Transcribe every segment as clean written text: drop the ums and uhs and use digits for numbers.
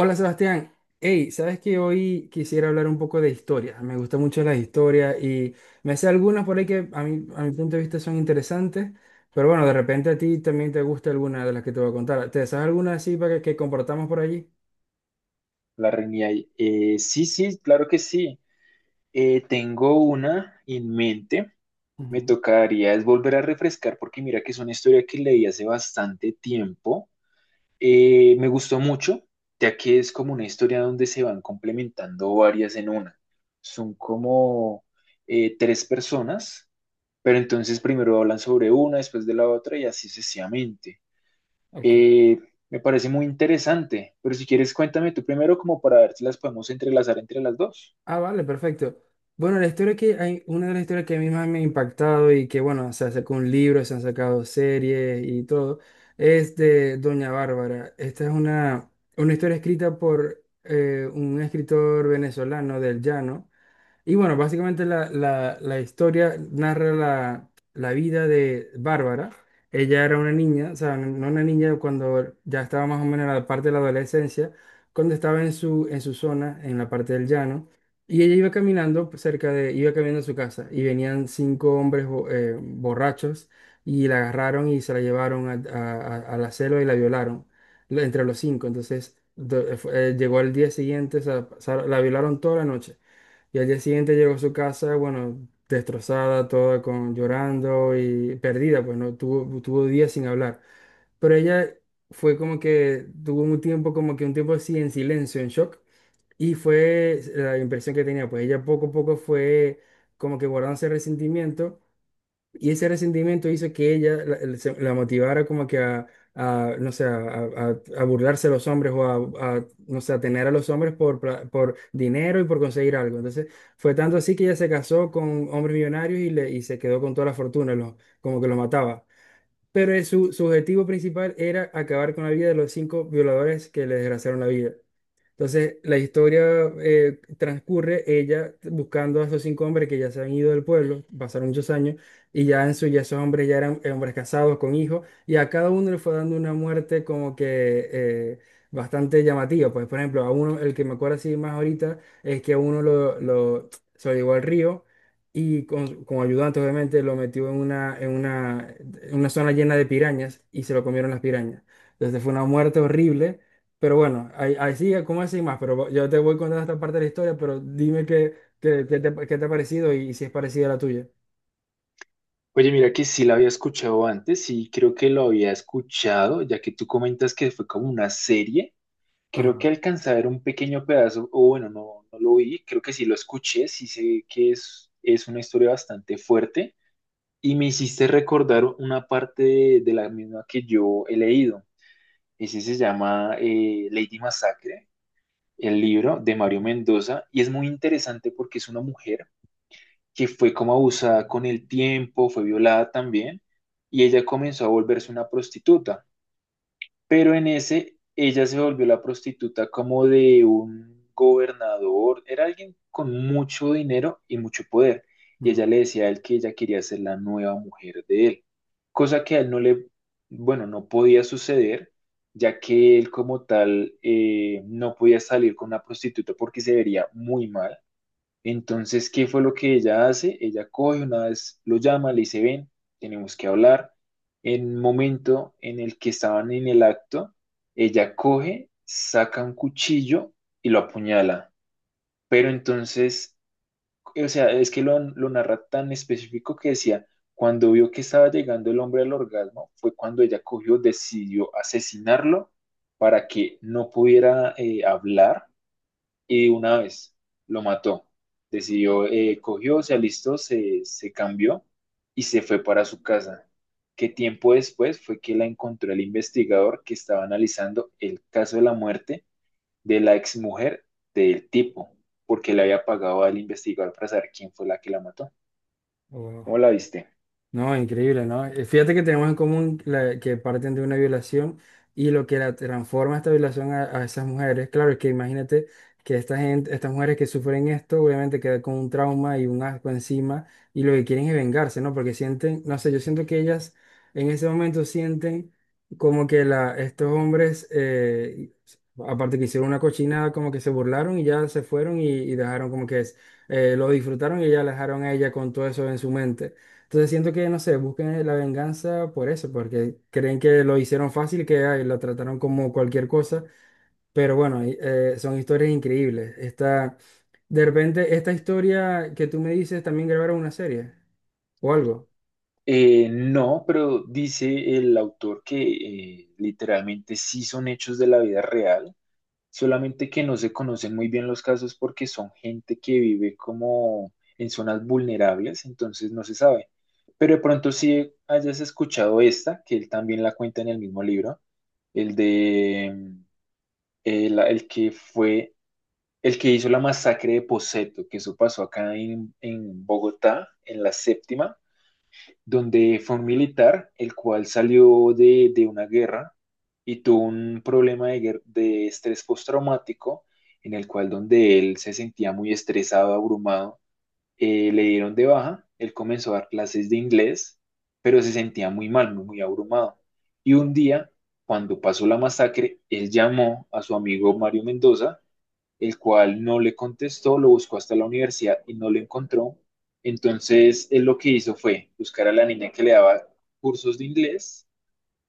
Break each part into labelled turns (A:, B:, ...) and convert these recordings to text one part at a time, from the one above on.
A: Hola Sebastián, hey, sabes que hoy quisiera hablar un poco de historia. Me gustan mucho las historias y me sé algunas por ahí que a mi punto de vista son interesantes, pero bueno, de repente a ti también te gusta alguna de las que te voy a contar. ¿Te sabes alguna así para que compartamos por allí?
B: La reunión ahí. Sí, sí, claro que sí. Tengo una en mente. Me
A: Ujú.
B: tocaría es volver a refrescar porque mira que es una historia que leí hace bastante tiempo. Me gustó mucho, ya que es como una historia donde se van complementando varias en una. Son como tres personas, pero entonces primero hablan sobre una, después de la otra y así sucesivamente.
A: OK.
B: Eh, Me parece muy interesante, pero si quieres cuéntame tú primero como para ver si las podemos entrelazar entre las dos.
A: Ah, vale, perfecto. Bueno, la historia que hay, una de las historias que a mí más me ha impactado y que, bueno, se sacó un libro, se han sacado series y todo, es de Doña Bárbara. Esta es una historia escrita por un escritor venezolano del Llano. Y bueno, básicamente la historia narra la vida de Bárbara. Ella era una niña, o sea, no una niña, cuando ya estaba más o menos en la parte de la adolescencia, cuando estaba en su zona, en la parte del llano, y ella iba iba caminando a su casa, y venían cinco hombres borrachos, y la agarraron y se la llevaron a la celda y la violaron, entre los cinco. Entonces, llegó al día siguiente, o sea, la violaron toda la noche. Y al día siguiente llegó a su casa, bueno, destrozada, toda con llorando y perdida, pues tuvo días sin hablar. Pero ella fue como que tuvo un tiempo, como que un tiempo así en silencio, en shock. Y fue la impresión que tenía, pues ella poco a poco fue como que guardándose resentimiento, y ese resentimiento hizo que ella la motivara como que a, no sé, a burlarse a los hombres o a, no sé, a tener a los hombres por dinero y por conseguir algo. Entonces, fue tanto así que ella se casó con hombres millonarios y se quedó con toda la fortuna, como que los mataba. Pero su objetivo principal era acabar con la vida de los cinco violadores que le desgraciaron la vida. Entonces, la historia transcurre ella buscando a esos cinco hombres que ya se han ido del pueblo, pasaron muchos años, y ya en su ya esos hombres ya eran hombres casados con hijos, y a cada uno le fue dando una muerte como que bastante llamativa. Pues, por ejemplo, a uno, el que me acuerdo así más ahorita, es que a uno se lo llevó al río y con ayudante, obviamente, lo metió en una zona llena de pirañas y se lo comieron las pirañas. Entonces, fue una muerte horrible, pero bueno, ahí sigue, ¿cómo así más? Pero yo te voy contando esta parte de la historia, pero dime qué te ha parecido y, si es parecida a la tuya.
B: Oye, mira que sí la había escuchado antes, sí creo que lo había escuchado, ya que tú comentas que fue como una serie. Creo
A: Ajá,
B: que alcanzé a ver un pequeño pedazo, o bueno, no, no lo vi, creo que sí lo escuché, sí sé que es una historia bastante fuerte y me hiciste recordar una parte de la misma que yo he leído. Ese se llama Lady Massacre, el libro de Mario Mendoza, y es muy interesante porque es una mujer que fue como abusada con el tiempo, fue violada también y ella comenzó a volverse una prostituta, pero en ese ella se volvió la prostituta como de un gobernador, era alguien con mucho dinero y mucho poder, y
A: ajá.
B: ella le decía a él que ella quería ser la nueva mujer de él, cosa que a él no le, bueno, no podía suceder, ya que él como tal no podía salir con una prostituta porque se vería muy mal. Entonces, ¿qué fue lo que ella hace? Ella coge una vez, lo llama, le dice, ven, tenemos que hablar. En un momento en el que estaban en el acto, ella coge, saca un cuchillo y lo apuñala. Pero entonces, o sea, es que lo narra tan específico que decía, cuando vio que estaba llegando el hombre al orgasmo, fue cuando ella cogió, decidió asesinarlo para que no pudiera hablar, y de una vez lo mató. Decidió, cogió, se alistó, se cambió y se fue para su casa. Que tiempo después fue que la encontró el investigador que estaba analizando el caso de la muerte de la exmujer del tipo, porque le había pagado al investigador para saber quién fue la que la mató.
A: Oh, wow.
B: ¿Cómo la viste?
A: No, increíble, ¿no? Fíjate que tenemos en común que parten de una violación, y lo que la transforma esta violación a esas mujeres, claro, es que imagínate que esta gente, estas mujeres que sufren esto, obviamente quedan con un trauma y un asco encima, y lo que quieren es vengarse, ¿no? Porque sienten, no sé, yo siento que ellas en ese momento sienten como que estos hombres, aparte que hicieron una cochinada, como que se burlaron y ya se fueron, y dejaron como que es, lo disfrutaron y ya la dejaron a ella con todo eso en su mente. Entonces siento que, no sé, buscan la venganza por eso, porque creen que lo hicieron fácil, que ay, lo trataron como cualquier cosa. Pero bueno, son historias increíbles. De repente, esta historia que tú me dices, también grabaron una serie o algo.
B: No, pero dice el autor que literalmente sí son hechos de la vida real. Solamente que no se conocen muy bien los casos porque son gente que vive como en zonas vulnerables, entonces no se sabe. Pero de pronto sí hayas escuchado esta, que él también la cuenta en el mismo libro, el de el que fue el que hizo la masacre de Poseto, que eso pasó acá en Bogotá, en la séptima, donde fue un militar, el cual salió de una guerra y tuvo un problema de estrés postraumático, en el cual donde él se sentía muy estresado, abrumado. Le dieron de baja, él comenzó a dar clases de inglés, pero se sentía muy mal, muy, muy abrumado. Y un día, cuando pasó la masacre, él llamó a su amigo Mario Mendoza, el cual no le contestó, lo buscó hasta la universidad y no lo encontró. Entonces, él lo que hizo fue buscar a la niña que le daba cursos de inglés,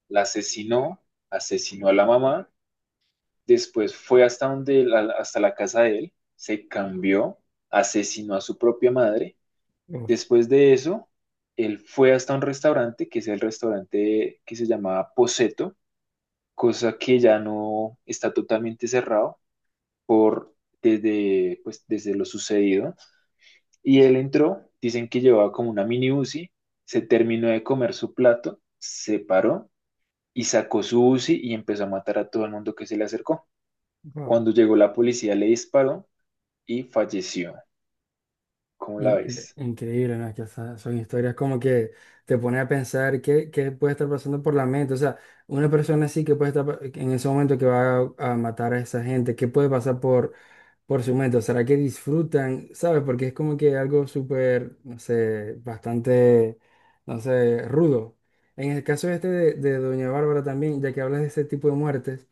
B: la asesinó, asesinó a la mamá, después fue hasta la casa de él, se cambió, asesinó a su propia madre.
A: Uf.
B: Después de eso, él fue hasta un restaurante, que es el restaurante que se llamaba Poseto, cosa que ya no está, totalmente cerrado por desde, pues, desde lo sucedido. Y él entró, dicen que llevaba como una mini uzi, se terminó de comer su plato, se paró y sacó su uzi y empezó a matar a todo el mundo que se le acercó.
A: Wow.
B: Cuando llegó la policía le disparó y falleció. ¿Cómo la
A: incre-
B: ves?
A: increíble, ¿no? Que, o sea, son historias como que te pone a pensar qué puede estar pasando por la mente. O sea, una persona así que puede estar en ese momento que va a matar a esa gente, qué puede pasar por su momento, ¿será que disfrutan? ¿Sabes? Porque es como que algo súper, no sé, bastante, no sé, rudo. En el caso este de Doña Bárbara también, ya que hablas de ese tipo de muertes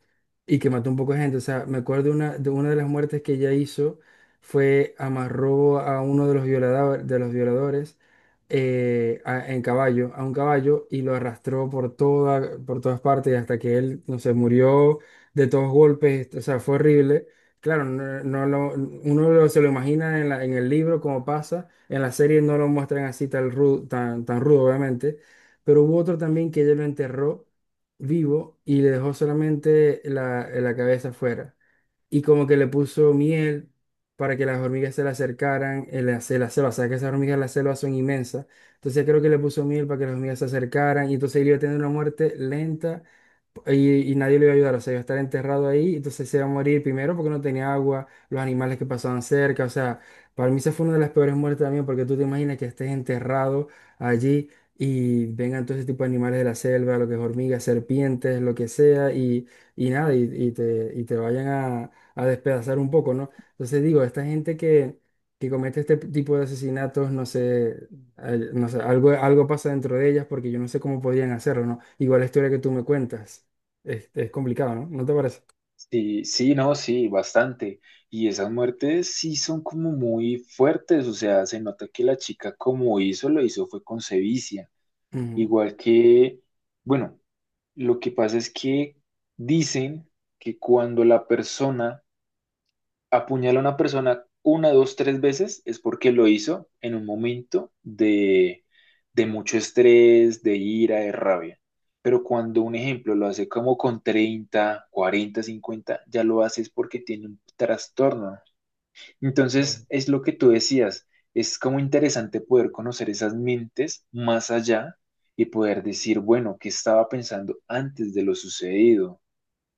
A: y que mató un poco de gente, o sea, me acuerdo de una de las muertes que ella hizo, fue amarró a uno de los de los violadores a un caballo y lo arrastró por todas partes hasta que él, no sé, murió de todos golpes, o sea, fue horrible. Claro, no, se lo imagina en el libro como pasa, en la serie no lo muestran así tan rudo, tan rudo, obviamente, pero hubo otro también que ella lo enterró vivo y le dejó solamente la cabeza afuera. Y como que le puso miel para que las hormigas se le acercaran en la selva, o sea que esas hormigas en la selva son inmensas. Entonces creo que le puso miel para que las hormigas se acercaran y entonces él iba a tener una muerte lenta, y nadie le iba a ayudar, o sea, iba a estar enterrado ahí, entonces se iba a morir primero porque no tenía agua, los animales que pasaban cerca, o sea, para mí esa fue una de las peores muertes también, porque tú te imaginas que estés enterrado allí y vengan todo ese tipo de animales de la selva, lo que es hormigas, serpientes, lo que sea, y nada, y te vayan a despedazar un poco, ¿no? Entonces digo, esta gente que comete este tipo de asesinatos, no sé, no sé, algo pasa dentro de ellas porque yo no sé cómo podrían hacerlo, ¿no? Igual la historia que tú me cuentas. Es complicado, ¿no? ¿No te parece?
B: Sí, sí, no, sí, bastante. Y esas muertes sí son como muy fuertes, o sea, se nota que la chica como hizo, lo hizo fue con sevicia.
A: Mm.
B: Igual que, bueno, lo que pasa es que dicen que cuando la persona apuñala a una persona una, dos, tres veces es porque lo hizo en un momento de mucho estrés, de ira, de rabia. Pero cuando un ejemplo lo hace como con 30, 40, 50, ya lo hace es porque tiene un trastorno.
A: Claro.
B: Entonces, es lo que tú decías, es como interesante poder conocer esas mentes más allá y poder decir, bueno, ¿qué estaba pensando antes de lo sucedido?,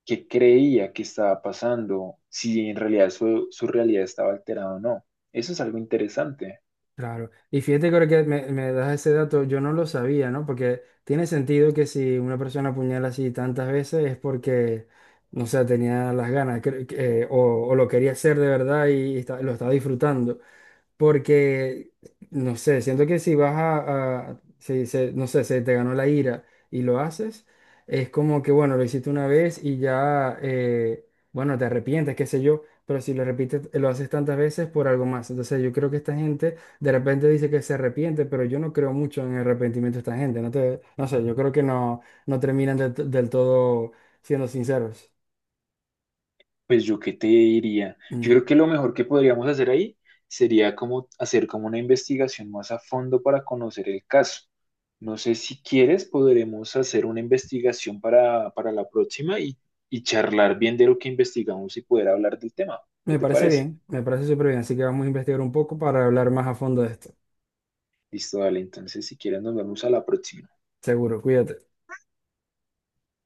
B: qué creía que estaba pasando, si en realidad su realidad estaba alterada o no. Eso es algo interesante.
A: Claro. Y fíjate que ahora que me das ese dato, yo no lo sabía, ¿no? Porque tiene sentido que si una persona apuñala así tantas veces es porque, no sé, tenía las ganas o lo quería hacer de verdad y lo estaba disfrutando. Porque, no sé, siento que si vas no sé, se te ganó la ira y lo haces, es como que, bueno, lo hiciste una vez y ya, bueno, te arrepientes, qué sé yo, pero si lo repites, lo haces tantas veces por algo más. Entonces yo creo que esta gente de repente dice que se arrepiente, pero yo no creo mucho en el arrepentimiento de esta gente. No sé, yo creo que no terminan del todo siendo sinceros.
B: Pues yo qué te diría. Yo
A: Mm.
B: creo que lo mejor que podríamos hacer ahí sería como hacer como una investigación más a fondo para conocer el caso. No sé si quieres, podremos hacer una investigación para la próxima y charlar bien de lo que investigamos y poder hablar del tema. ¿Qué
A: Me
B: te
A: parece
B: parece?
A: bien, me parece súper bien, así que vamos a investigar un poco para hablar más a fondo de esto.
B: Listo, dale. Entonces, si quieres, nos vemos a la próxima.
A: Seguro, cuídate.